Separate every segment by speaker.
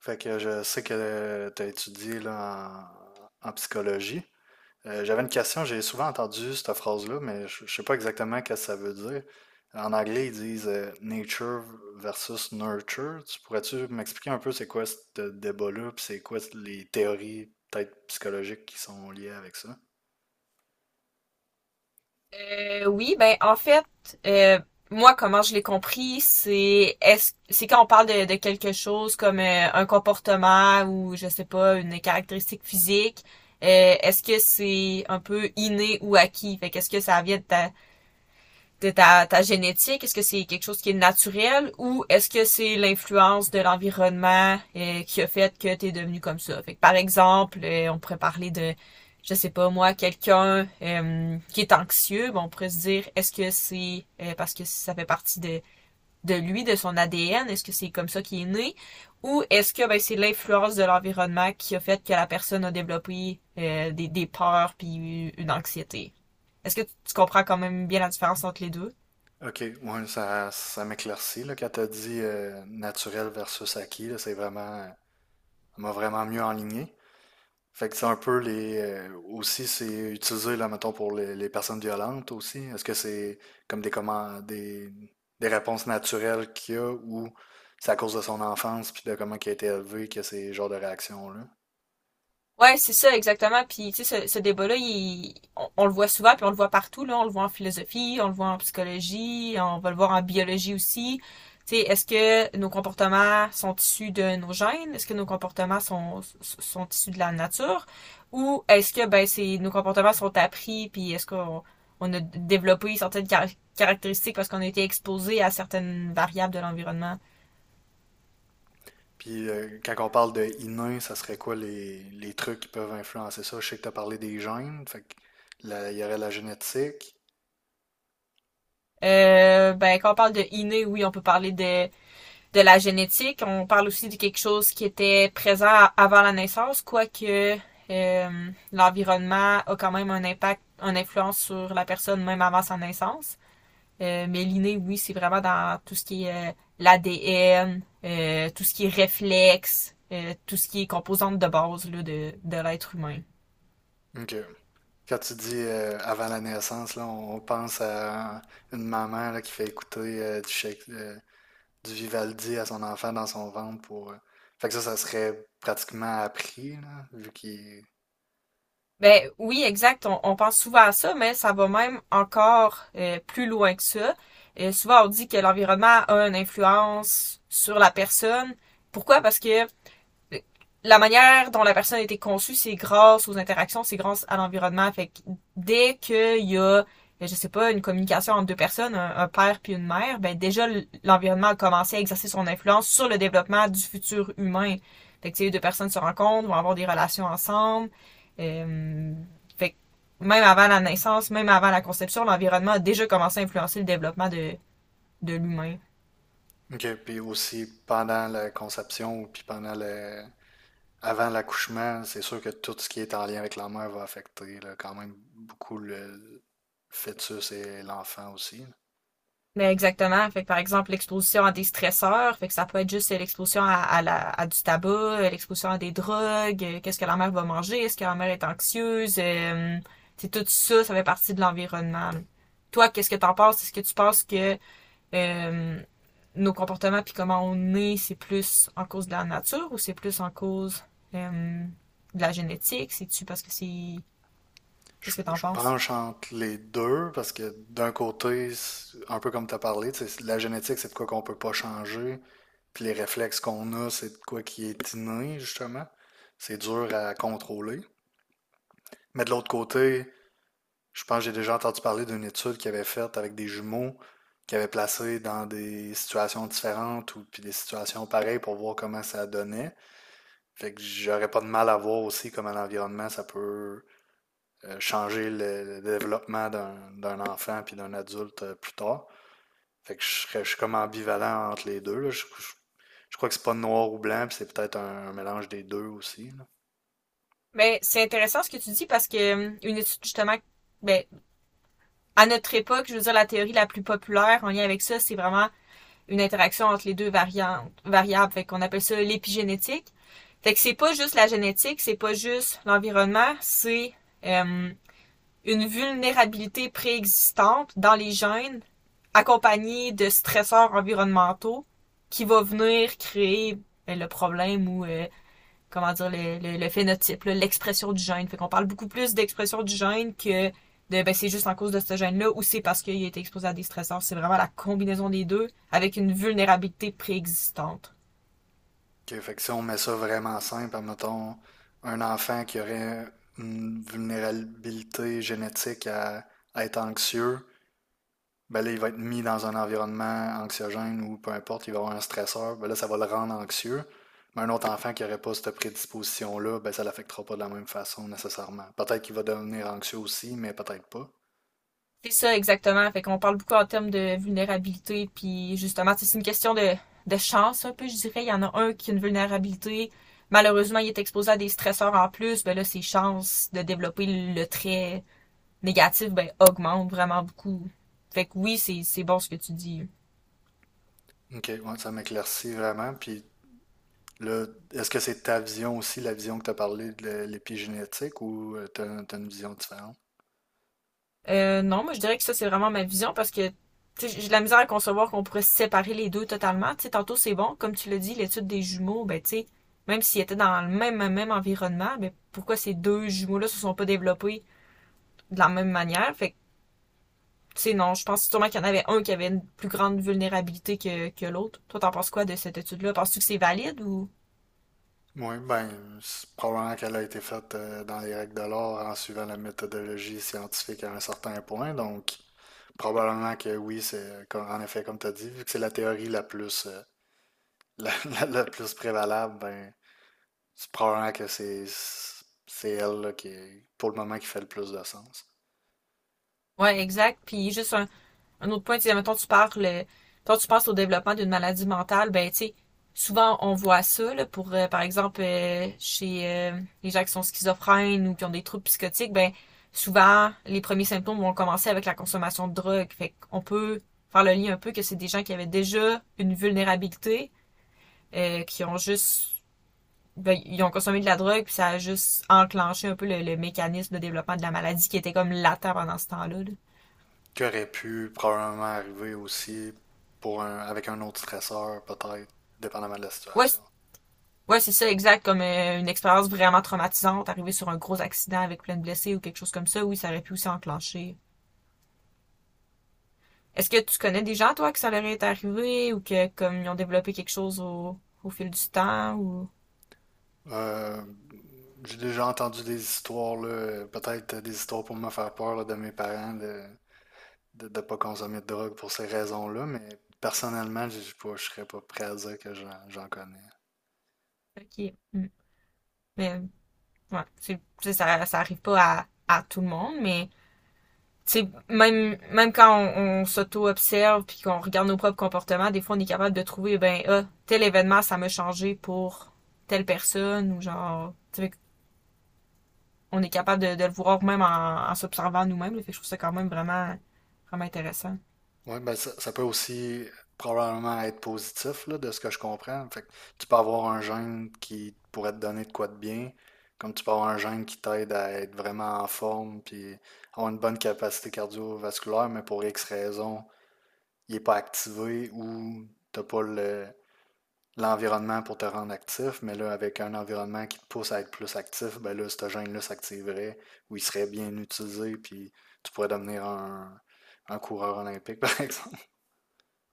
Speaker 1: Fait que je sais que tu as étudié là, en psychologie. J'avais une question, j'ai souvent entendu cette phrase-là, mais je sais pas exactement ce que ça veut dire. En anglais, ils disent nature versus nurture. Tu pourrais-tu m'expliquer un peu c'est quoi ce débat-là, puis c'est quoi les théories peut-être psychologiques qui sont liées avec ça?
Speaker 2: Oui, ben en fait, euh, moi, comment je l'ai compris, c'est est-ce c'est quand on parle de quelque chose comme un comportement ou je sais pas, une caractéristique physique, est-ce que c'est un peu inné ou acquis? Fait qu'est-ce que ça vient de ta génétique? Est-ce que c'est quelque chose qui est naturel ou est-ce que c'est l'influence de l'environnement qui a fait que tu es devenu comme ça? Fait que, par exemple, on pourrait parler de, je sais pas moi, quelqu'un qui est anxieux, ben, on pourrait se dire, est-ce que c'est parce que ça fait partie de lui, de son ADN? Est-ce que c'est comme ça qu'il est né? Ou est-ce que ben, c'est l'influence de l'environnement qui a fait que la personne a développé des peurs puis une anxiété? Est-ce que tu comprends quand même bien la différence entre les deux?
Speaker 1: Ok, ouais, ça m'éclaircit là, quand t'as dit naturel versus acquis, là, c'est vraiment, ça m'a vraiment mieux enligné. Fait que c'est un peu les. Aussi, c'est utilisé, là, mettons, pour les personnes violentes aussi. Est-ce que c'est comme des, comment, des réponses naturelles qu'il y a ou c'est à cause de son enfance puis de comment il a été élevé que ces genres de réactions-là?
Speaker 2: Ouais, c'est ça, exactement. Puis, tu sais, ce débat-là, on le voit souvent, puis on le voit partout, là. On le voit en philosophie, on le voit en psychologie, on va le voir en biologie aussi. Tu sais, est-ce que nos comportements sont issus de nos gènes? Est-ce que nos comportements sont issus de la nature? Ou est-ce que, ben, c'est, nos comportements sont appris, puis est-ce qu'on on a développé caractéristiques parce qu'on a été exposé à certaines variables de l'environnement?
Speaker 1: Puis quand on parle de inné, ça serait quoi les trucs qui peuvent influencer ça? Je sais que tu as parlé des gènes, fait que il y aurait la génétique.
Speaker 2: Ben, quand on parle de inné, oui, on peut parler de la génétique. On parle aussi de quelque chose qui était présent avant la naissance, quoique l'environnement a quand même un impact, une influence sur la personne même avant sa naissance. Mais l'inné, oui, c'est vraiment dans tout ce qui est l'ADN, tout ce qui est réflexe, tout ce qui est composante de base là, de l'être humain.
Speaker 1: Ok. Quand tu dis avant la naissance, là, on pense à une maman là, qui fait écouter du Vivaldi à son enfant dans son ventre pour. Fait que ça serait pratiquement appris, là, vu qu'il.
Speaker 2: Ben oui, exact. On pense souvent à ça, mais ça va même encore plus loin que ça. Souvent, on dit que l'environnement a une influence sur la personne. Pourquoi? Parce que la manière dont la personne a été conçue, c'est grâce aux interactions, c'est grâce à l'environnement. Fait que dès qu'il y a, ben, je sais pas, une communication entre deux personnes, un père puis une mère, ben déjà l'environnement a commencé à exercer son influence sur le développement du futur humain. Fait que si les deux personnes se rencontrent, vont avoir des relations ensemble. Euh, Fait que même avant la naissance, même avant la conception, l'environnement a déjà commencé à influencer le développement de l'humain.
Speaker 1: Ok, puis aussi pendant la conception ou puis pendant le. Avant l'accouchement, c'est sûr que tout ce qui est en lien avec la mère va affecter là, quand même beaucoup le fœtus et l'enfant aussi.
Speaker 2: Mais exactement. Fait que, par exemple, l'exposition à des stresseurs, fait que ça peut être juste l'exposition à du tabac, l'exposition à des drogues, qu'est-ce que la mère va manger, est-ce que la mère est anxieuse, c'est tout ça, ça fait partie de l'environnement. Là. Toi, qu'est-ce que t'en penses? Est-ce que tu penses que euh, nos comportements puis comment on est, c'est plus en cause de la nature ou c'est plus en cause euh, de la génétique? C'est-tu parce que c'est...
Speaker 1: Je,
Speaker 2: Qu'est-ce que t'en
Speaker 1: je
Speaker 2: penses?
Speaker 1: penche entre les deux parce que d'un côté, c'est un peu comme tu as parlé, tu sais, la génétique, c'est de quoi qu'on peut pas changer, puis les réflexes qu'on a, c'est de quoi qui est inné, justement. C'est dur à contrôler. Mais de l'autre côté, je pense que j'ai déjà entendu parler d'une étude qu'ils avaient faite avec des jumeaux qu'ils avaient placés dans des situations différentes ou puis des situations pareilles pour voir comment ça donnait. Fait que j'aurais pas de mal à voir aussi comment l'environnement ça peut changer le développement d'un enfant puis d'un adulte plus tard. Fait que je suis comme ambivalent entre les deux, là. Je crois que c'est pas noir ou blanc, puis c'est peut-être un mélange des deux aussi, là.
Speaker 2: Ben c'est intéressant ce que tu dis parce que une étude justement, ben, à notre époque, je veux dire, la théorie la plus populaire en lien avec ça, c'est vraiment une interaction entre les deux variantes, variables. Fait qu'on appelle ça l'épigénétique. Fait que c'est pas juste la génétique, c'est pas juste l'environnement, c'est euh, une vulnérabilité préexistante dans les gènes accompagnée de stresseurs environnementaux qui va venir créer le problème ou comment dire, le phénotype, là, l'expression du gène. Fait qu'on parle beaucoup plus d'expression du gène que de ben, c'est juste en cause de ce gène-là ou c'est parce qu'il a été exposé à des stressors. C'est vraiment la combinaison des deux avec une vulnérabilité préexistante.
Speaker 1: Ok, fait que si on met ça vraiment simple, mettons un enfant qui aurait une vulnérabilité génétique à être anxieux, ben là, il va être mis dans un environnement anxiogène ou peu importe, il va avoir un stresseur, ben là, ça va le rendre anxieux. Mais un autre enfant qui n'aurait pas cette prédisposition-là, ben ça ne l'affectera pas de la même façon nécessairement. Peut-être qu'il va devenir anxieux aussi, mais peut-être pas.
Speaker 2: C'est ça exactement. Fait qu'on parle beaucoup en termes de vulnérabilité, puis justement, c'est une question de chance un peu, je dirais. Il y en a un qui a une vulnérabilité. Malheureusement, il est exposé à des stresseurs en plus. Ben là, c'est chance de développer le trait négatifs ben, augmentent vraiment beaucoup. Fait que oui, c'est bon ce que tu dis.
Speaker 1: Ok, ouais, ça m'éclaircit vraiment. Puis là, est-ce que c'est ta vision aussi, la vision que tu as parlé de l'épigénétique, ou tu as, une vision différente?
Speaker 2: Non, moi je dirais que ça c'est vraiment ma vision parce que j'ai de la misère à concevoir qu'on pourrait séparer les deux totalement. T'sais, tantôt c'est bon, comme tu l'as dit, l'étude des jumeaux, ben tu sais, même s'ils étaient dans même environnement, ben pourquoi ces deux jumeaux-là se sont pas développés de la même manière? Fait que tu sais, non, je pense sûrement qu'il y en avait un qui avait une plus grande vulnérabilité que l'autre. Toi, t'en penses quoi de cette étude-là? Penses-tu que c'est valide ou
Speaker 1: Oui, ben, c'est probablement qu'elle a été faite dans les règles de l'art en suivant la méthodologie scientifique à un certain point. Donc, probablement que oui, c'est comme- en effet, comme tu as dit, vu que c'est la théorie la plus, la plus prévalable, ben, c'est probablement que c'est elle là, qui, est- pour le moment, qui fait le plus de sens.
Speaker 2: Ouais, exact. Puis juste un autre point, tu sais, mettons, tu parles, quand tu penses au développement d'une maladie mentale, ben, tu sais, souvent on voit ça, là, pour, par exemple, chez les gens qui sont schizophrènes ou qui ont des troubles psychotiques, ben, souvent, les premiers symptômes vont commencer avec la consommation de drogue. Fait qu'on peut faire le lien un peu que c'est des gens qui avaient déjà une vulnérabilité, qui ont juste, ben, ils ont consommé de la drogue, puis ça a juste enclenché un peu le mécanisme de développement de la maladie qui était comme latent pendant ce temps-là, là.
Speaker 1: Qui aurait pu probablement arriver aussi pour un, avec un autre stresseur, peut-être, dépendamment de la
Speaker 2: Ouais,
Speaker 1: situation.
Speaker 2: Ouais, c'est ça, exact, comme une expérience vraiment traumatisante, arriver sur un gros accident avec plein de blessés ou quelque chose comme ça, oui, ça aurait pu aussi enclencher. Est-ce que tu connais des gens, toi, que ça leur est arrivé ou que comme ils ont développé quelque chose au, au fil du temps ou...
Speaker 1: Euh, j'ai déjà entendu des histoires, là, peut-être des histoires pour me faire peur là, de mes parents de ne pas consommer de drogue pour ces raisons-là, mais personnellement, je ne serais pas prêt à dire que j'en connais.
Speaker 2: Ok. Mm. Mais ouais, ça, ça arrive pas à, à tout le monde, mais tu sais, même quand on s'auto-observe puis qu'on regarde nos propres comportements, des fois on est capable de trouver, ben, ah, tel événement, ça m'a changé pour telle personne ou genre, tu sais, on est capable de le voir même en s'observant nous-mêmes. Là. Fait que je trouve ça quand même vraiment, vraiment intéressant.
Speaker 1: Oui, ben ça peut aussi probablement être positif là, de ce que je comprends. Fait que tu peux avoir un gène qui pourrait te donner de quoi de bien, comme tu peux avoir un gène qui t'aide à être vraiment en forme, puis avoir une bonne capacité cardiovasculaire, mais pour X raisons, il n'est pas activé ou tu n'as pas l'environnement pour te rendre actif, mais là, avec un environnement qui te pousse à être plus actif, ben là, ce gène-là s'activerait ou il serait bien utilisé, puis tu pourrais devenir un coureur olympique, par exemple.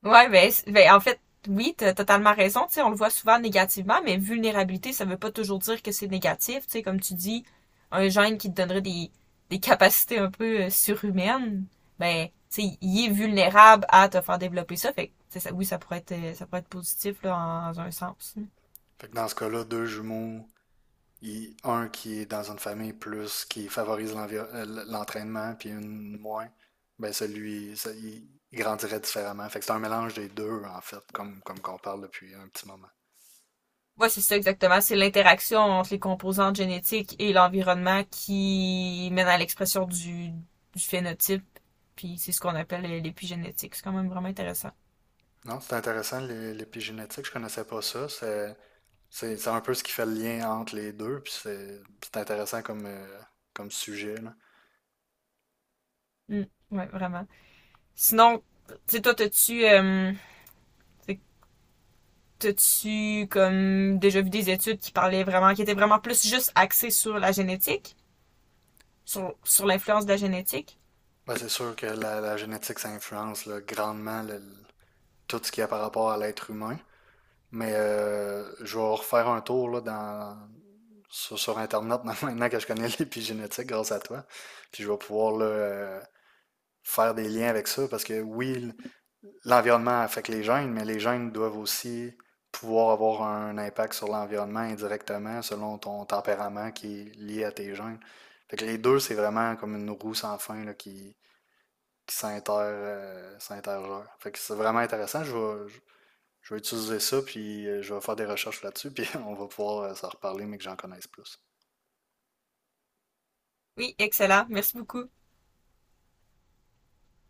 Speaker 2: Ben en fait, oui, t'as totalement raison. Tu sais, on le voit souvent négativement, mais vulnérabilité, ça veut pas toujours dire que c'est négatif. Tu sais, comme tu dis, un gène qui te donnerait des capacités un peu surhumaines, ben, tu sais, il est vulnérable à te faire développer ça. Fait que, oui, ça pourrait être positif, là, dans un sens.
Speaker 1: Fait que dans ce cas-là, deux jumeaux, un qui est dans une famille plus, qui favorise l'entraînement, puis une moins, ben il grandirait différemment. Fait que c'est un mélange des deux, en fait, comme qu'on parle depuis un petit moment.
Speaker 2: Ouais, c'est ça exactement. C'est l'interaction entre les composantes génétiques et l'environnement qui mène à l'expression du phénotype. Puis c'est ce qu'on appelle l'épigénétique. C'est quand même vraiment intéressant.
Speaker 1: Non, c'est intéressant, l'épigénétique, je connaissais pas ça. C'est un peu ce qui fait le lien entre les deux, puis c'est intéressant comme, comme sujet, là.
Speaker 2: Mm. Ouais, vraiment. Sinon, tu sais, toi, t'as-tu comme déjà vu des études qui parlaient vraiment, qui étaient vraiment plus juste axées sur la génétique, sur l'influence de la génétique?
Speaker 1: Ben, c'est sûr que la génétique, ça influence là, grandement tout ce qu'il y a par rapport à l'être humain. Mais je vais refaire un tour là, sur Internet maintenant que je connais l'épigénétique grâce à toi. Puis je vais pouvoir là, faire des liens avec ça, parce que oui, l'environnement affecte les gènes, mais les gènes doivent aussi pouvoir avoir un impact sur l'environnement indirectement selon ton tempérament qui est lié à tes gènes. Fait que les deux, c'est vraiment comme une roue sans fin là, qui, qui s'intergère. Fait que c'est vraiment intéressant. Je vais utiliser ça, puis je vais faire des recherches là-dessus, puis on va pouvoir s'en reparler, mais que j'en connaisse plus.
Speaker 2: Oui, excellent. Merci beaucoup.